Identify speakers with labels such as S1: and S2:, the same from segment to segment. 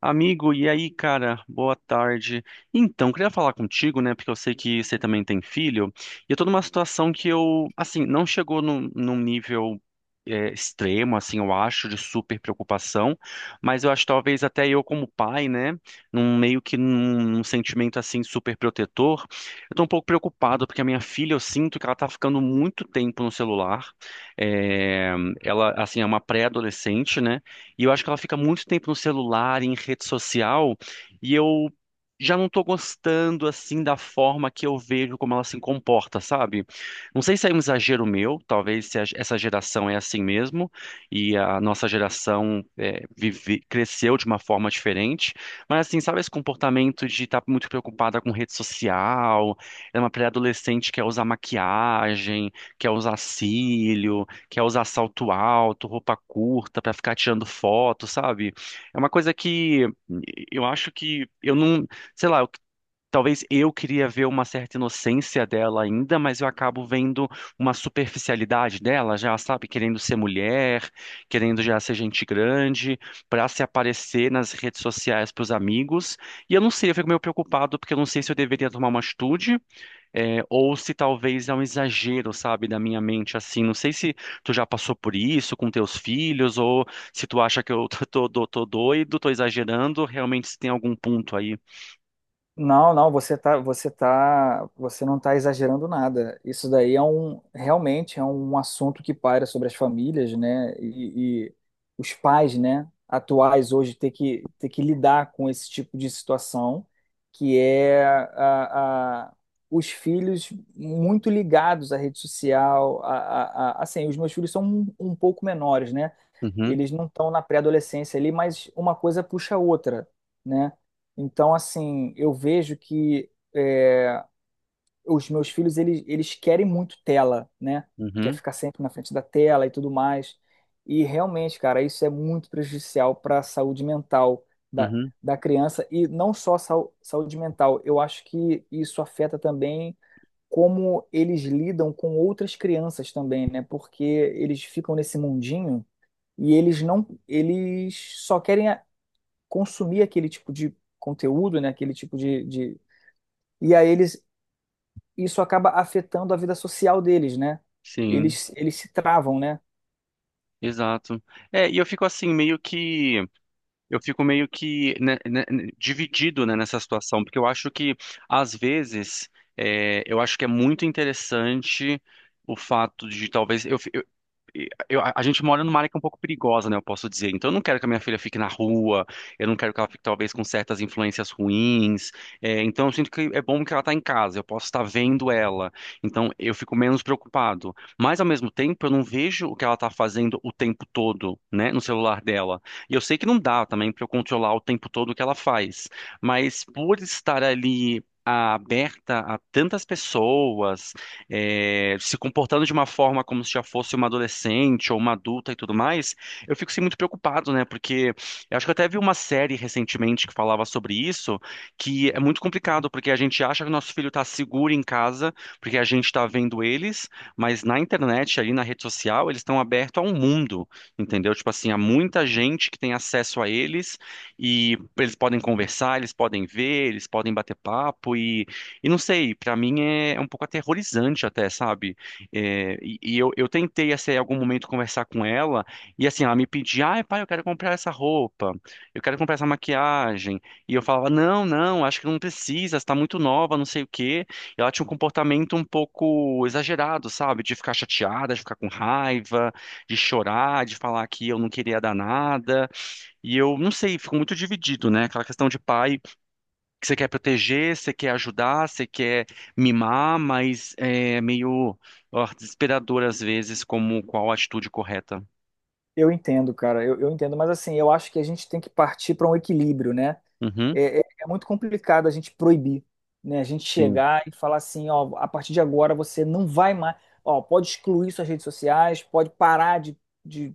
S1: Amigo, e aí, cara? Boa tarde. Então, queria falar contigo, né? Porque eu sei que você também tem filho. E eu tô numa situação que eu, assim, não chegou num nível extremo, assim, eu acho, de super preocupação. Mas eu acho talvez até eu, como pai, né? Num meio que num sentimento, assim, super protetor. Eu tô um pouco preocupado porque a minha filha, eu sinto que ela tá ficando muito tempo no celular. É, Ela, assim, é uma pré-adolescente, né? E eu acho que ela fica muito tempo no celular, em rede social, e eu já não tô gostando assim da forma que eu vejo como ela se comporta, sabe? Não sei se é um exagero meu, talvez se essa geração é assim mesmo, e a nossa geração cresceu de uma forma diferente, mas assim, sabe esse comportamento de estar muito preocupada com rede social, é uma pré-adolescente que quer usar maquiagem, quer usar cílio que é usar salto alto, roupa curta pra ficar tirando foto, sabe? É uma coisa que eu acho que eu não, sei lá, talvez eu queria ver uma certa inocência dela ainda, mas eu acabo vendo uma superficialidade dela, já sabe, querendo ser mulher, querendo já ser gente grande, pra se aparecer nas redes sociais pros amigos. E eu não sei, eu fico meio preocupado porque eu não sei se eu deveria tomar uma atitude, ou se talvez é um exagero, sabe, da minha mente assim. Não sei se tu já passou por isso com teus filhos, ou se tu acha que eu tô doido, tô exagerando, realmente se tem algum ponto aí.
S2: Não, você não está exagerando nada. Isso daí é um, realmente é um assunto que paira sobre as famílias, né? E os pais, né, atuais hoje ter que lidar com esse tipo de situação, que é os filhos muito ligados à rede social, assim, os meus filhos são um pouco menores, né?
S1: Uhum,
S2: Eles não estão na pré-adolescência ali, mas uma coisa puxa a outra, né? Então, assim, eu vejo que é, os meus filhos, eles querem muito tela, né? Quer
S1: uhum,
S2: ficar sempre na frente da tela e tudo mais. E realmente, cara, isso é muito prejudicial para a saúde mental da,
S1: uhum,
S2: da criança e não só saúde mental. Eu acho que isso afeta também como eles lidam com outras crianças também, né? Porque eles ficam nesse mundinho e eles não, eles só querem consumir aquele tipo de conteúdo, né? Aquele tipo de... E isso acaba afetando a vida social deles, né?
S1: sim.
S2: Eles se travam, né?
S1: Exato. E eu fico assim, meio que, eu fico meio que né, dividido, né, nessa situação, porque eu acho que, às vezes, eu acho que é muito interessante o fato de talvez, a gente mora numa área que é um pouco perigosa, né? Eu posso dizer. Então, eu não quero que a minha filha fique na rua, eu não quero que ela fique, talvez, com certas influências ruins. Então, eu sinto que é bom que ela está em casa, eu posso estar vendo ela. Então, eu fico menos preocupado. Mas, ao mesmo tempo, eu não vejo o que ela está fazendo o tempo todo, né? No celular dela. E eu sei que não dá também para eu controlar o tempo todo o que ela faz. Mas, por estar ali, aberta a tantas pessoas, se comportando de uma forma como se já fosse uma adolescente ou uma adulta e tudo mais, eu fico assim, muito preocupado, né? Porque eu acho que eu até vi uma série recentemente que falava sobre isso, que é muito complicado, porque a gente acha que o nosso filho está seguro em casa, porque a gente está vendo eles, mas na internet, ali na rede social, eles estão abertos a um mundo, entendeu? Tipo assim, há muita gente que tem acesso a eles e eles podem conversar, eles podem ver, eles podem bater papo e não sei, pra mim é um pouco aterrorizante até, sabe? E eu tentei, assim, em algum momento conversar com ela, e assim, ela me pedia, ai, pai, eu quero comprar essa roupa, eu quero comprar essa maquiagem. E eu falava, não, não, acho que não precisa, está muito nova, não sei o quê. E ela tinha um comportamento um pouco exagerado, sabe? De ficar chateada, de ficar com raiva, de chorar, de falar que eu não queria dar nada. E eu, não sei, fico muito dividido, né? Aquela questão de pai que você quer proteger, você quer ajudar, você quer mimar, mas é meio ó, desesperador às vezes como qual a atitude correta.
S2: Eu entendo, cara, eu entendo, mas assim, eu acho que a gente tem que partir para um equilíbrio, né?
S1: Uhum,
S2: É muito complicado a gente proibir, né? A gente
S1: sim,
S2: chegar e falar assim, ó, a partir de agora você não vai mais, ó, pode excluir suas redes sociais, pode parar de de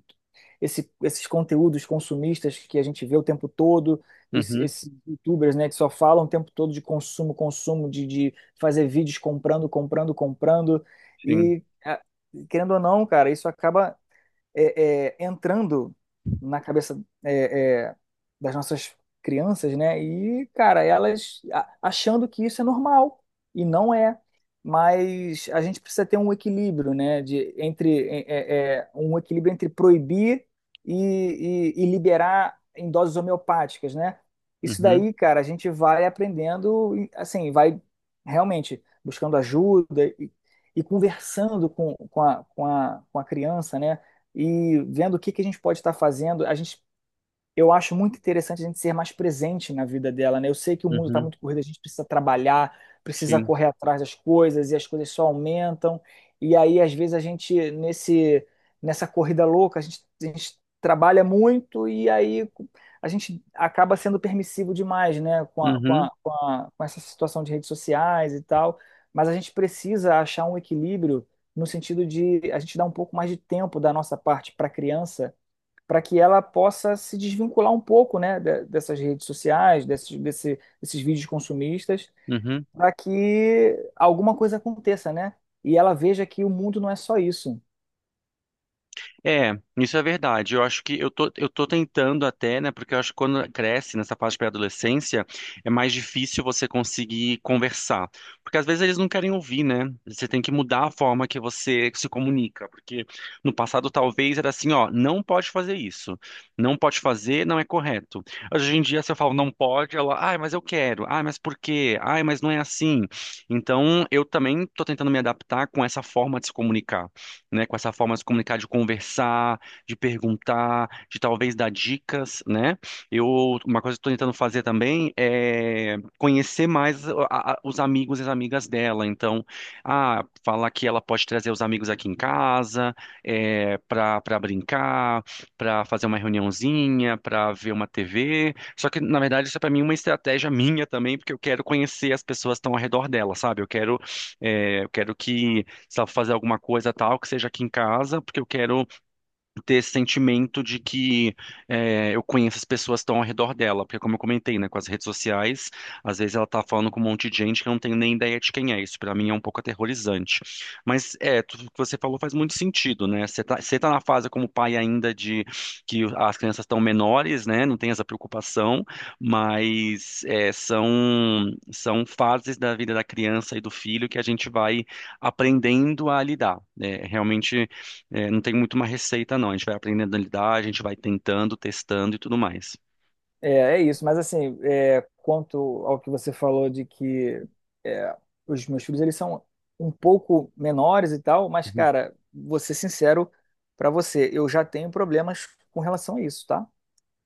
S2: esse- esses conteúdos consumistas que a gente vê o tempo todo,
S1: uhum,
S2: esses youtubers, né, que só falam o tempo todo de consumo, consumo, de fazer vídeos comprando, comprando, comprando.
S1: sim,
S2: E, a- Querendo ou não, cara, isso acaba entrando na cabeça das nossas crianças, né? E, cara, elas achando que isso é normal e não é. Mas a gente precisa ter um equilíbrio, né? De, entre um equilíbrio entre proibir e liberar em doses homeopáticas, né? Isso
S1: uhum,
S2: daí, cara, a gente vai aprendendo, e, assim, vai realmente buscando ajuda e conversando com a criança, né? E vendo que a gente pode estar fazendo. A gente eu acho muito interessante a gente ser mais presente na vida dela, né? Eu sei que o mundo está
S1: uhum,
S2: muito corrido, a gente precisa trabalhar, precisa
S1: sim,
S2: correr atrás das coisas e as coisas só aumentam. E aí, às vezes, nessa corrida louca, a gente trabalha muito e aí a gente acaba sendo permissivo demais, né?
S1: uhum,
S2: Com essa situação de redes sociais e tal. Mas a gente precisa achar um equilíbrio no sentido de a gente dar um pouco mais de tempo da nossa parte para a criança para que ela possa se desvincular um pouco, né, dessas redes sociais, desses vídeos consumistas,
S1: uhum.
S2: para que alguma coisa aconteça, né? E ela veja que o mundo não é só isso.
S1: É, isso é verdade. Eu acho que eu tô tentando até, né? Porque eu acho que quando cresce nessa fase de pré-adolescência, é mais difícil você conseguir conversar. Porque às vezes eles não querem ouvir, né? Você tem que mudar a forma que você se comunica. Porque no passado talvez era assim, ó, não pode fazer isso. Não pode fazer, não é correto. Hoje em dia, se eu falo não pode, ela, ai, mas eu quero. Ai, mas por quê? Ai, mas não é assim. Então, eu também tô tentando me adaptar com essa forma de se comunicar né, com essa forma de se comunicar, de conversar, de perguntar, de talvez dar dicas, né? Eu, uma coisa que estou tentando fazer também é conhecer mais os amigos e as amigas dela. Então, ah, falar que ela pode trazer os amigos aqui em casa, para brincar, para fazer uma reuniãozinha, para ver uma TV. Só que, na verdade, isso é para mim uma estratégia minha também, porque eu quero conhecer as pessoas que estão ao redor dela, sabe? Eu quero que se ela for fazer alguma coisa tal, que seja aqui em casa, porque eu quero ter esse sentimento de que eu conheço as pessoas que estão ao redor dela, porque como eu comentei, né, com as redes sociais, às vezes ela tá falando com um monte de gente que eu não tenho nem ideia de quem é, isso pra mim é um pouco aterrorizante. Mas tudo que você falou faz muito sentido, né? Você tá na fase como pai ainda de que as crianças estão menores, né, não tem essa preocupação, mas são fases da vida da criança e do filho que a gente vai aprendendo a lidar, né? Realmente não tem muito uma receita, não. A gente vai aprendendo a lidar, a gente vai tentando, testando e tudo mais.
S2: É, é isso. Mas assim, é, quanto ao que você falou de que é, os meus filhos eles são um pouco menores e tal, mas
S1: Uhum.
S2: cara, vou ser sincero para você, eu já tenho problemas com relação a isso, tá?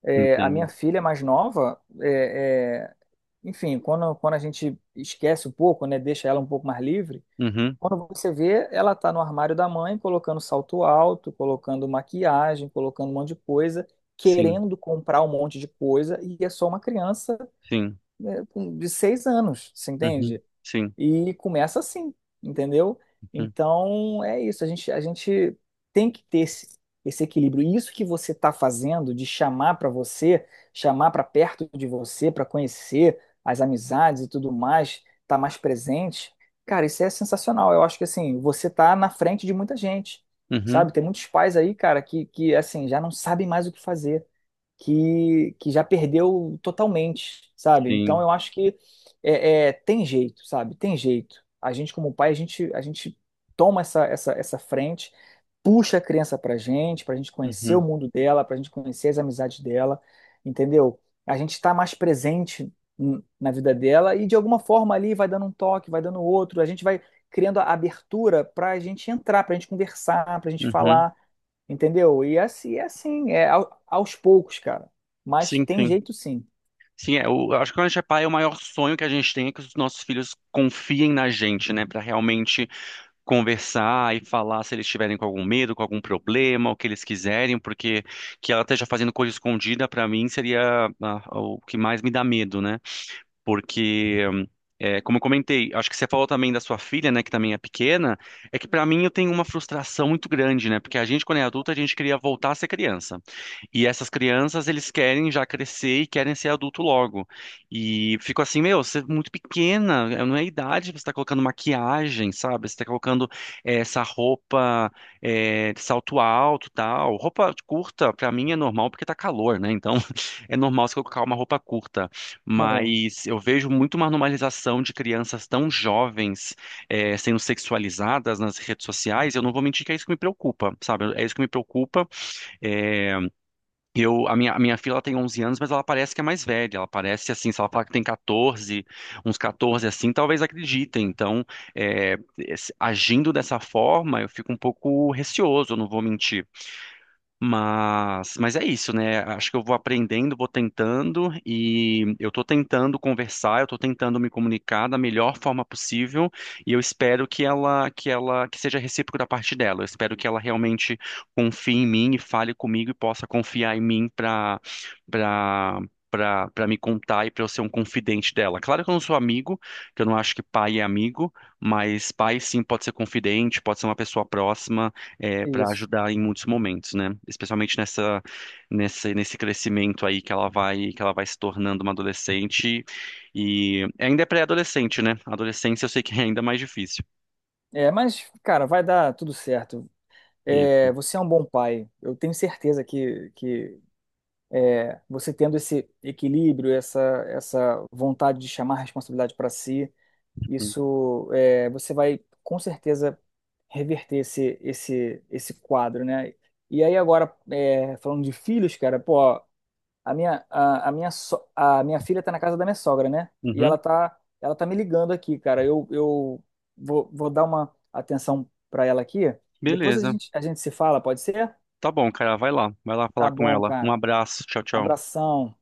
S2: É, a
S1: Entendo.
S2: minha filha mais nova enfim, quando a gente esquece um pouco, né, deixa ela um pouco mais livre,
S1: Uhum,
S2: quando você vê, ela tá no armário da mãe, colocando salto alto, colocando maquiagem, colocando um monte de coisa,
S1: sim,
S2: querendo comprar um monte de coisa, e é só uma criança,
S1: sim,
S2: né, de 6 anos, você
S1: uhum,
S2: entende?
S1: sim,
S2: E começa assim, entendeu?
S1: uhum,
S2: Então é isso, a gente tem que ter esse equilíbrio. E isso que você está fazendo de chamar para você, chamar para perto de você, para conhecer as amizades e tudo mais, tá mais presente, cara, isso é sensacional. Eu acho que assim, você tá na frente de muita gente,
S1: uhum,
S2: sabe? Tem muitos pais aí, cara, que assim, já não sabem mais o que fazer que já perdeu totalmente, sabe? Então
S1: sim,
S2: eu acho que tem jeito, sabe? Tem jeito. A gente, como pai, a gente toma essa frente, puxa a criança pra gente conhecer o
S1: uhum,
S2: mundo dela, pra gente conhecer as amizades dela, entendeu? A gente está mais presente na vida dela e de alguma forma ali vai dando um toque, vai dando outro, a gente vai criando a abertura pra gente entrar, pra gente conversar, pra gente
S1: uhum,
S2: falar. Entendeu? E assim, é aos poucos, cara. Mas
S1: sim,
S2: tem
S1: sim.
S2: jeito sim.
S1: Sim, eu acho que quando a gente é pai, o maior sonho que a gente tem é que os nossos filhos confiem na gente, né, pra realmente conversar e falar se eles estiverem com algum medo, com algum problema, o que eles quiserem, porque que ela esteja fazendo coisa escondida pra mim seria ah, o que mais me dá medo, né? Porque como eu comentei, acho que você falou também da sua filha, né, que também é pequena, é que para mim eu tenho uma frustração muito grande, né, porque a gente quando é adulta a gente queria voltar a ser criança, e essas crianças eles querem já crescer e querem ser adulto logo, e fico assim, meu, você é muito pequena, não é a idade, você tá colocando maquiagem, sabe, você está colocando essa roupa de salto alto, tal, roupa curta para mim é normal porque tá calor, né, então é normal você colocar uma roupa curta,
S2: É,
S1: mas eu vejo muito uma normalização de crianças tão jovens sendo sexualizadas nas redes sociais. Eu não vou mentir que é isso que me preocupa, sabe? É isso que me preocupa. Eh, eu, a minha filha ela tem 11 anos, mas ela parece que é mais velha. Ela parece assim, se ela falar que tem 14, uns 14 assim, talvez acreditem. Então, agindo dessa forma, eu fico um pouco receoso, eu não vou mentir. Mas é isso, né? Acho que eu vou aprendendo, vou tentando e eu tô tentando conversar, eu tô tentando me comunicar da melhor forma possível e eu espero que seja recíproco da parte dela. Eu espero que ela realmente confie em mim e fale comigo e possa confiar em mim para para me contar e para eu ser um confidente dela. Claro que eu não sou amigo, que eu não acho que pai é amigo, mas pai sim pode ser confidente, pode ser uma pessoa próxima para
S2: isso.
S1: ajudar em muitos momentos, né? Especialmente nesse crescimento aí que ela vai se tornando uma adolescente e ainda é pré-adolescente, né? Adolescência eu sei que é ainda mais difícil.
S2: É, mas, cara, vai dar tudo certo. É,
S1: Isso.
S2: você é um bom pai. Eu tenho certeza que você tendo esse equilíbrio, essa vontade de chamar a responsabilidade para si, isso, é, você vai com certeza reverter esse quadro, né? E aí agora, é, falando de filhos, cara, pô, a minha, a minha, a minha filha tá na casa da minha sogra, né? E
S1: Uhum.
S2: ela tá me ligando aqui, cara. Eu vou, vou dar uma atenção pra ela aqui. Depois
S1: Beleza.
S2: a gente se fala, pode ser?
S1: Tá bom, cara, vai lá
S2: Tá
S1: falar com
S2: bom,
S1: ela. Um
S2: cara.
S1: abraço, tchau,
S2: Um
S1: tchau.
S2: abração.